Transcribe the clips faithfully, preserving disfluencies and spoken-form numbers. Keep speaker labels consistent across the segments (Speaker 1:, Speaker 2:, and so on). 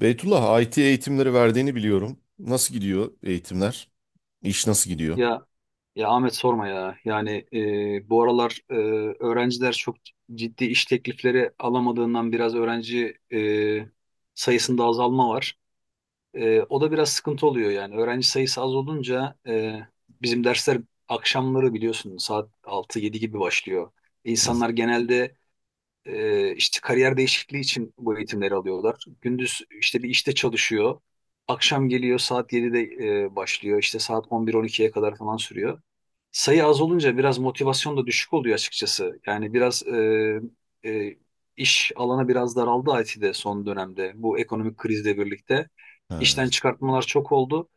Speaker 1: Beytullah, I T eğitimleri verdiğini biliyorum. Nasıl gidiyor eğitimler? İş nasıl gidiyor?
Speaker 2: Ya ya Ahmet sorma ya. Yani e, bu aralar e, öğrenciler çok ciddi iş teklifleri alamadığından biraz öğrenci e, sayısında azalma var. E, o da biraz sıkıntı oluyor yani. Öğrenci sayısı az olunca e, bizim dersler akşamları biliyorsun saat altı yedi gibi başlıyor.
Speaker 1: Hı.
Speaker 2: İnsanlar genelde e, işte kariyer değişikliği için bu eğitimleri alıyorlar. Gündüz işte bir işte çalışıyor. Akşam geliyor saat yedide e, başlıyor. İşte saat on bir on ikiye kadar falan sürüyor. Sayı az olunca biraz motivasyon da düşük oluyor açıkçası. Yani biraz e, e, iş alanı biraz daraldı I T'de son dönemde. Bu ekonomik krizle birlikte
Speaker 1: Ha.
Speaker 2: işten çıkartmalar çok oldu.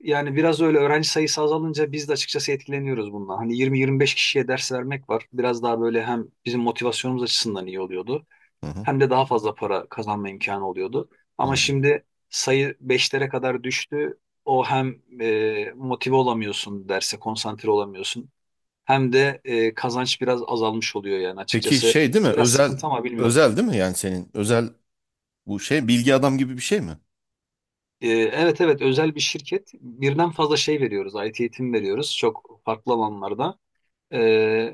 Speaker 2: Yani biraz öyle öğrenci sayısı azalınca biz de açıkçası etkileniyoruz bundan. Hani yirmi yirmi beş kişiye ders vermek var. Biraz daha böyle hem bizim motivasyonumuz açısından iyi oluyordu.
Speaker 1: Hı hı.
Speaker 2: Hem de daha fazla para kazanma imkanı oluyordu. Ama
Speaker 1: Hı.
Speaker 2: şimdi sayı beşlere kadar düştü. O hem e, motive olamıyorsun derse, konsantre olamıyorsun. Hem de e, kazanç biraz azalmış oluyor yani
Speaker 1: Peki
Speaker 2: açıkçası.
Speaker 1: şey değil mi?
Speaker 2: Biraz
Speaker 1: Özel
Speaker 2: sıkıntı ama bilmiyorum.
Speaker 1: özel değil mi? Yani senin özel bu şey bilgi adam gibi bir şey mi?
Speaker 2: Ee, Evet evet özel bir şirket. Birden fazla şey veriyoruz. I T eğitim veriyoruz. Çok farklı alanlarda. Ee,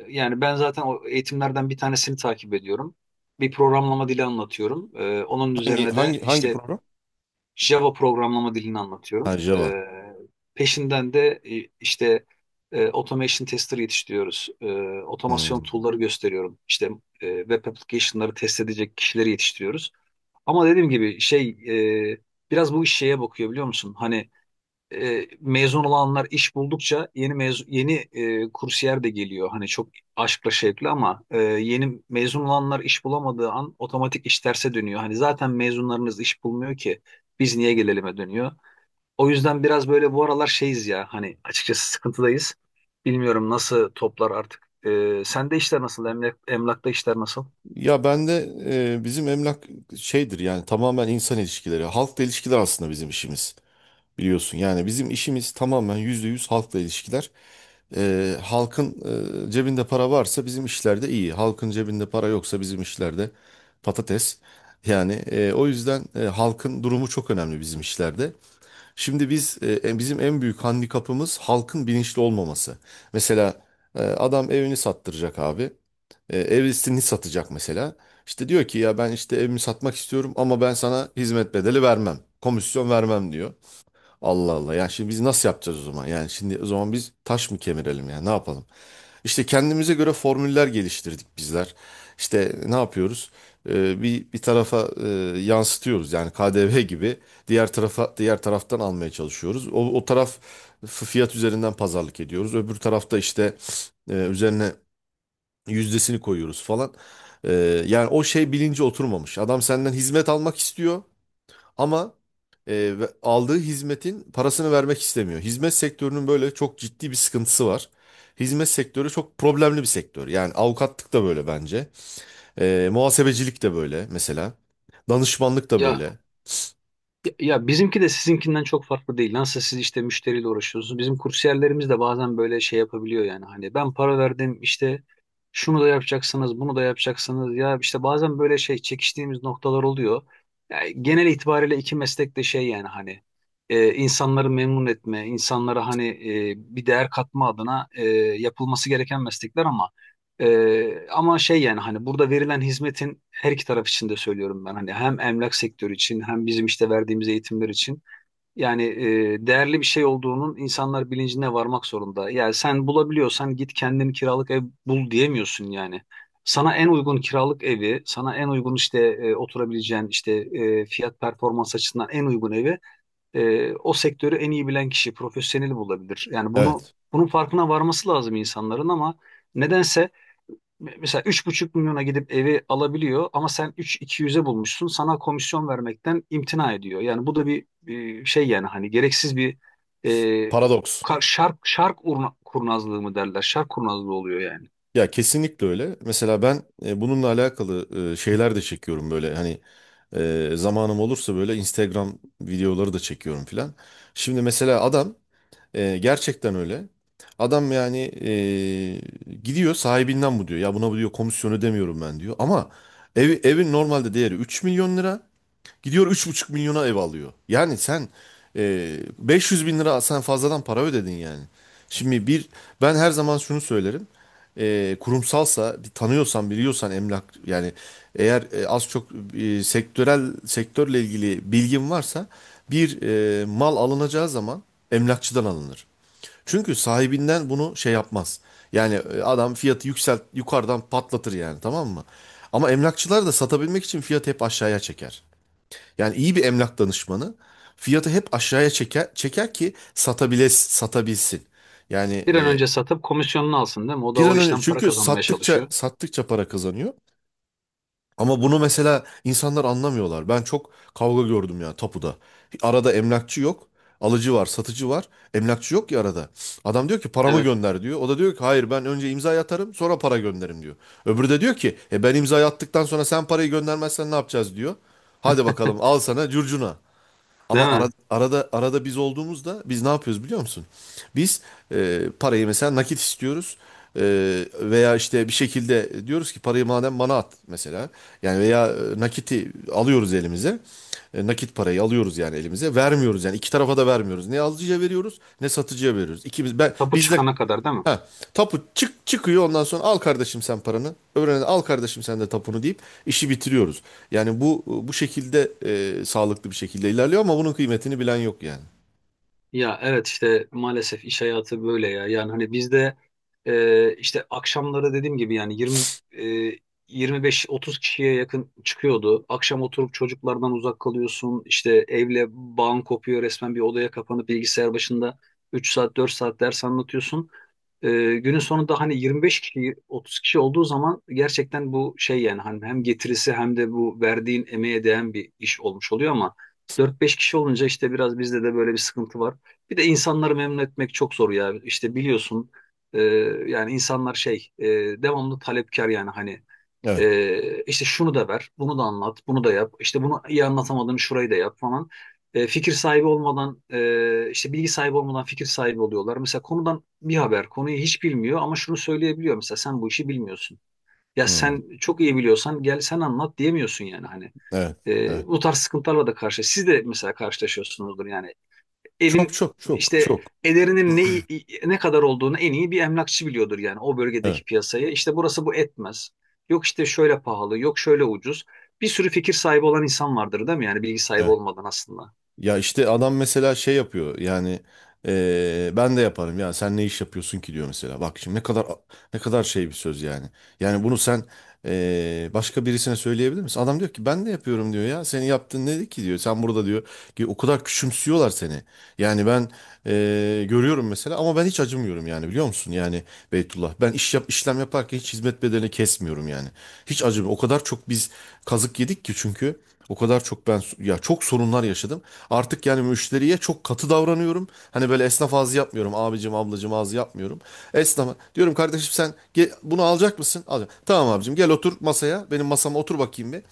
Speaker 2: yani ben zaten o eğitimlerden bir tanesini takip ediyorum. Bir programlama dili anlatıyorum. Ee, onun
Speaker 1: Hangi
Speaker 2: üzerine de
Speaker 1: hangi hangi
Speaker 2: işte
Speaker 1: program?
Speaker 2: Java programlama dilini
Speaker 1: Ha,
Speaker 2: anlatıyorum.
Speaker 1: Java.
Speaker 2: Ee, peşinden de e, işte e, automation tester yetiştiriyoruz. Ee,
Speaker 1: Hı.
Speaker 2: otomasyon tool'ları gösteriyorum. İşte e, web application'ları test edecek kişileri yetiştiriyoruz. Ama dediğim gibi şey e, biraz bu iş şeye bakıyor biliyor musun? Hani e, mezun olanlar iş buldukça yeni mezun, yeni e, kursiyer de geliyor. Hani çok aşkla şevkle ama e, yeni mezun olanlar iş bulamadığı an otomatik iş terse dönüyor. Hani zaten mezunlarınız iş bulmuyor ki biz niye gelelim'e dönüyor. O yüzden biraz böyle bu aralar şeyiz ya hani açıkçası sıkıntıdayız. Bilmiyorum nasıl toplar artık. E, sende işler nasıl? Emlak, emlakta işler nasıl?
Speaker 1: Ya ben de e, bizim emlak şeydir yani tamamen insan ilişkileri, halkla ilişkiler aslında bizim işimiz. Biliyorsun yani bizim işimiz tamamen yüzde yüz halkla ilişkiler. Ee, halkın e, cebinde para varsa bizim işlerde iyi. Halkın cebinde para yoksa bizim işlerde patates. Yani e, o yüzden e, halkın durumu çok önemli bizim işlerde. Şimdi biz e, e, bizim en büyük handikapımız halkın bilinçli olmaması. Mesela e, adam evini sattıracak abi. E, evlisini satacak mesela. İşte diyor ki ya ben işte evimi satmak istiyorum ama ben sana hizmet bedeli vermem. Komisyon vermem diyor. Allah Allah. Ya şimdi biz nasıl yapacağız o zaman? Yani şimdi o zaman biz taş mı kemirelim ya? Ne yapalım? İşte kendimize göre formüller geliştirdik bizler. İşte ne yapıyoruz? Ee, bir bir tarafa e, yansıtıyoruz. Yani K D V gibi diğer tarafa diğer taraftan almaya çalışıyoruz. O, o taraf f- fiyat üzerinden pazarlık ediyoruz. Öbür tarafta işte e, üzerine yüzdesini koyuyoruz falan. Ee, Yani o şey bilinci oturmamış. Adam senden hizmet almak istiyor. Ama e, ve- aldığı hizmetin parasını vermek istemiyor. Hizmet sektörünün böyle çok ciddi bir sıkıntısı var. Hizmet sektörü çok problemli bir sektör. Yani avukatlık da böyle bence. E, muhasebecilik de böyle mesela. Danışmanlık da
Speaker 2: ya
Speaker 1: böyle.
Speaker 2: Ya, ya bizimki de sizinkinden çok farklı değil. Nasıl siz işte müşteriyle uğraşıyorsunuz. Bizim kursiyerlerimiz de bazen böyle şey yapabiliyor yani. Hani ben para verdim işte şunu da yapacaksınız, bunu da yapacaksınız. Ya işte bazen böyle şey çekiştiğimiz noktalar oluyor. Ya genel itibariyle iki meslek de şey yani hani e, insanları memnun etme, insanlara hani e, bir değer katma adına e, yapılması gereken meslekler ama ee, ama şey yani hani burada verilen hizmetin her iki taraf için de söylüyorum ben hani hem emlak sektörü için hem bizim işte verdiğimiz eğitimler için yani e, değerli bir şey olduğunun insanlar bilincine varmak zorunda. Yani sen bulabiliyorsan git kendini kiralık ev bul diyemiyorsun yani. Sana en uygun kiralık evi, sana en uygun işte e, oturabileceğin işte e, fiyat performans açısından en uygun evi e, o sektörü en iyi bilen kişi, profesyoneli bulabilir. Yani bunu
Speaker 1: Evet.
Speaker 2: bunun farkına varması lazım insanların ama nedense mesela üç buçuk milyona gidip evi alabiliyor ama sen üç iki yüz'e bulmuşsun. Sana komisyon vermekten imtina ediyor. Yani bu da bir, bir şey yani hani gereksiz bir e,
Speaker 1: Paradoks.
Speaker 2: kar- şark, şark urna- kurnazlığı mı derler? Şark kurnazlığı oluyor yani.
Speaker 1: Ya kesinlikle öyle. Mesela ben e, bununla alakalı e, şeyler de çekiyorum böyle. Hani. Ee, zamanım olursa böyle Instagram videoları da çekiyorum filan. Şimdi mesela adam e, gerçekten öyle. Adam yani e, gidiyor sahibinden bu diyor. Ya buna bu diyor komisyon ödemiyorum ben diyor. Ama evi, evin normalde değeri üç milyon lira. Gidiyor üç buçuk milyona ev alıyor. Yani sen e, beş yüz bin lira sen fazladan para ödedin yani. Şimdi bir ben her zaman şunu söylerim. E, kurumsalsa bir tanıyorsan biliyorsan emlak yani eğer e, az çok e, sektörel sektörle ilgili bilgin varsa bir e, mal alınacağı zaman emlakçıdan alınır. Çünkü sahibinden bunu şey yapmaz. Yani e, adam fiyatı yükselt yukarıdan patlatır yani tamam mı? Ama emlakçılar da satabilmek için fiyatı hep aşağıya çeker. Yani iyi bir emlak danışmanı fiyatı hep aşağıya çeker, çeker ki satabiles, satabilsin. Yani
Speaker 2: Bir an
Speaker 1: e,
Speaker 2: önce satıp komisyonunu alsın değil mi? O da
Speaker 1: bir
Speaker 2: o
Speaker 1: an önce
Speaker 2: işten para
Speaker 1: çünkü
Speaker 2: kazanmaya
Speaker 1: sattıkça
Speaker 2: çalışıyor.
Speaker 1: sattıkça para kazanıyor. Ama bunu mesela insanlar anlamıyorlar. Ben çok kavga gördüm ya tapuda. Arada emlakçı yok. Alıcı var, satıcı var. Emlakçı yok ya arada. Adam diyor ki paramı
Speaker 2: Evet,
Speaker 1: gönder diyor. O da diyor ki hayır ben önce imza atarım sonra para gönderirim diyor. Öbürü de diyor ki e ben imza attıktan sonra sen parayı göndermezsen ne yapacağız diyor. Hadi bakalım al sana curcuna.
Speaker 2: değil
Speaker 1: Ama ara-
Speaker 2: mi?
Speaker 1: arada arada biz olduğumuzda biz ne yapıyoruz biliyor musun? Biz e, parayı mesela nakit istiyoruz. E, veya işte bir şekilde diyoruz ki parayı madem bana at mesela. Yani veya e, nakiti alıyoruz elimize. E, nakit parayı alıyoruz yani elimize. Vermiyoruz yani iki tarafa da vermiyoruz. Ne alıcıya veriyoruz ne satıcıya veriyoruz. İkimiz ben
Speaker 2: Tapu
Speaker 1: biz de.
Speaker 2: çıkana kadar değil mi?
Speaker 1: Ha, tapu çık çıkıyor ondan sonra al kardeşim sen paranı. Öbürüne al kardeşim sen de tapunu deyip işi bitiriyoruz. Yani bu bu şekilde e, sağlıklı bir şekilde ilerliyor ama bunun kıymetini bilen yok yani.
Speaker 2: Ya evet işte maalesef iş hayatı böyle ya. Yani hani bizde e, işte akşamları dediğim gibi yani yirmi e, yirmi beş otuz kişiye yakın çıkıyordu. Akşam oturup çocuklardan uzak kalıyorsun. İşte evle bağın kopuyor resmen bir odaya kapanıp bilgisayar başında üç saat dört saat ders anlatıyorsun. E, günün sonunda hani yirmi beş kişi otuz kişi olduğu zaman gerçekten bu şey yani hani hem getirisi hem de bu verdiğin emeğe değen bir iş olmuş oluyor ama dört beş kişi olunca işte biraz bizde de böyle bir sıkıntı var. Bir de insanları memnun etmek çok zor ya. İşte biliyorsun e, yani insanlar şey e, devamlı talepkar yani hani
Speaker 1: Evet.
Speaker 2: e, işte şunu da ver, bunu da anlat, bunu da yap. İşte bunu iyi anlatamadığını şurayı da yap falan. E, fikir sahibi olmadan e, işte bilgi sahibi olmadan fikir sahibi oluyorlar. Mesela konudan bir haber, konuyu hiç bilmiyor ama şunu söyleyebiliyor. Mesela sen bu işi bilmiyorsun. Ya
Speaker 1: Hmm.
Speaker 2: sen çok iyi biliyorsan gel sen anlat diyemiyorsun yani hani.
Speaker 1: Evet.
Speaker 2: E,
Speaker 1: Evet.
Speaker 2: bu tarz sıkıntılarla da karşı. Siz de mesela karşılaşıyorsunuzdur yani
Speaker 1: Çok
Speaker 2: evin
Speaker 1: çok çok
Speaker 2: işte
Speaker 1: çok.
Speaker 2: ederinin ne ne kadar olduğunu en iyi bir emlakçı biliyordur yani o
Speaker 1: Evet.
Speaker 2: bölgedeki piyasayı. İşte burası bu etmez. Yok işte şöyle pahalı, yok şöyle ucuz. Bir sürü fikir sahibi olan insan vardır değil mi? Yani bilgi sahibi
Speaker 1: Evet.
Speaker 2: olmadan aslında.
Speaker 1: Ya işte adam mesela şey yapıyor yani eee, ben de yaparım ya sen ne iş yapıyorsun ki diyor mesela. Bak şimdi ne kadar ne kadar şey bir söz yani. Yani bunu sen eee, başka birisine söyleyebilir misin? Adam diyor ki ben de yapıyorum diyor ya senin yaptığın nedir ki diyor. Sen burada diyor ki o kadar küçümsüyorlar seni. Yani ben eee, görüyorum mesela ama ben hiç acımıyorum yani biliyor musun? Yani Beytullah. Ben iş yap, işlem yaparken hiç hizmet bedelini kesmiyorum yani. Hiç acımıyor. O kadar çok biz kazık yedik ki çünkü o kadar çok ben ya çok sorunlar yaşadım. Artık yani müşteriye çok katı davranıyorum. Hani böyle esnaf ağzı yapmıyorum. Abicim ablacım ağzı yapmıyorum. Esnafa diyorum kardeşim sen ge- bunu alacak mısın? Alacağım. Tamam abicim gel otur masaya. Benim masama otur bakayım bir.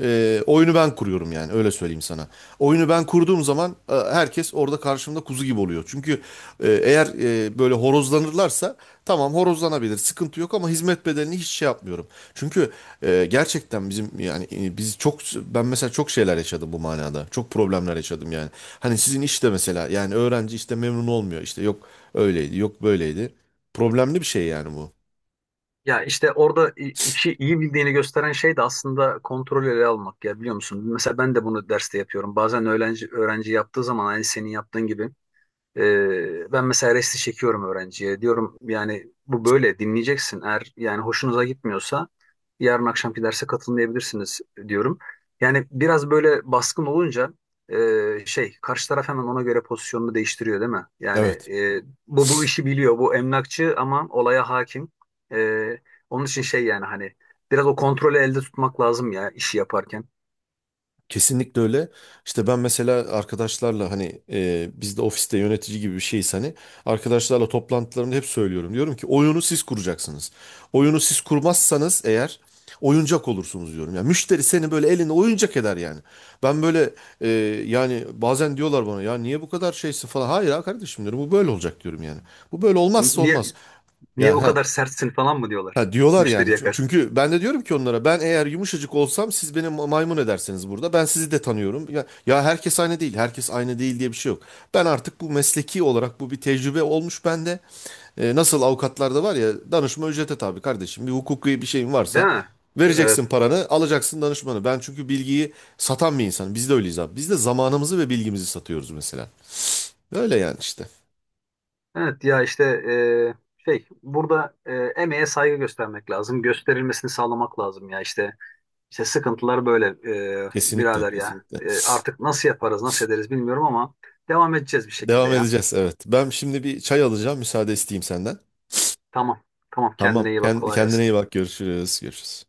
Speaker 1: Ee, oyunu ben kuruyorum yani öyle söyleyeyim sana. Oyunu ben kurduğum zaman e, herkes orada karşımda kuzu gibi oluyor. Çünkü ee, eğer e, böyle horozlanırlarsa tamam horozlanabilir sıkıntı yok ama hizmet bedelini hiç şey yapmıyorum. Çünkü e, gerçekten bizim yani e, biz çok ben mesela çok şeyler yaşadım bu manada. Çok problemler yaşadım yani. Hani sizin işte mesela yani öğrenci işte memnun olmuyor işte yok öyleydi yok böyleydi. Problemli bir şey yani bu.
Speaker 2: Ya işte orada i- işi iyi bildiğini gösteren şey de aslında kontrolü ele almak ya biliyor musun? Mesela ben de bunu derste yapıyorum. Bazen öğrenci öğrenci yaptığı zaman aynı senin yaptığın gibi Ee, ben mesela resti çekiyorum öğrenciye. Diyorum yani bu böyle dinleyeceksin. Eğer yani hoşunuza gitmiyorsa yarın akşamki derse katılmayabilirsiniz diyorum. Yani biraz böyle baskın olunca e, şey karşı taraf hemen ona göre pozisyonunu değiştiriyor değil mi? Yani
Speaker 1: Evet.
Speaker 2: e, bu bu işi biliyor. Bu emlakçı ama olaya hakim. E, onun için şey yani hani biraz o kontrolü elde tutmak lazım ya işi yaparken.
Speaker 1: Kesinlikle öyle. İşte ben mesela arkadaşlarla hani e, biz de ofiste yönetici gibi bir şeyiz hani arkadaşlarla toplantılarımda hep söylüyorum. Diyorum ki oyunu siz kuracaksınız. Oyunu siz kurmazsanız eğer oyuncak olursunuz diyorum. Yani müşteri seni böyle eline oyuncak eder yani. Ben böyle e, yani bazen diyorlar bana ya niye bu kadar şeysin falan. Hayır ha kardeşim diyorum bu böyle olacak diyorum yani. Bu böyle olmazsa
Speaker 2: Niye
Speaker 1: olmaz.
Speaker 2: Niye
Speaker 1: Ya
Speaker 2: bu
Speaker 1: ha
Speaker 2: kadar sertsin falan mı diyorlar
Speaker 1: Ha diyorlar yani.
Speaker 2: müşteri
Speaker 1: Çün-
Speaker 2: yakar.
Speaker 1: Çünkü ben de diyorum ki onlara ben eğer yumuşacık olsam siz beni ma- maymun edersiniz burada. Ben sizi de tanıyorum. Ya, ya herkes aynı değil. Herkes aynı değil diye bir şey yok. Ben artık bu mesleki olarak bu bir tecrübe olmuş bende. E, nasıl avukatlarda var ya danışma ücrete tabi kardeşim. Bir hukuki bir şeyin
Speaker 2: Değil
Speaker 1: varsa
Speaker 2: mi? Evet.
Speaker 1: vereceksin paranı alacaksın danışmanı. Ben çünkü bilgiyi satan bir insanım. Biz de öyleyiz abi. Biz de zamanımızı ve bilgimizi satıyoruz mesela. Öyle yani işte.
Speaker 2: Evet ya işte e, şey burada e, emeğe saygı göstermek lazım. Gösterilmesini sağlamak lazım ya işte. İşte sıkıntılar böyle e,
Speaker 1: Kesinlikle
Speaker 2: birader ya.
Speaker 1: kesinlikle.
Speaker 2: E, artık nasıl yaparız nasıl ederiz bilmiyorum ama devam edeceğiz bir şekilde
Speaker 1: Devam
Speaker 2: ya.
Speaker 1: edeceğiz evet. Ben şimdi bir çay alacağım müsaade isteyeyim senden.
Speaker 2: Tamam tamam
Speaker 1: Tamam.
Speaker 2: kendine iyi bak
Speaker 1: Kend-
Speaker 2: kolay
Speaker 1: Kendine
Speaker 2: gelsin.
Speaker 1: iyi bak. Görüşürüz. Görüşürüz.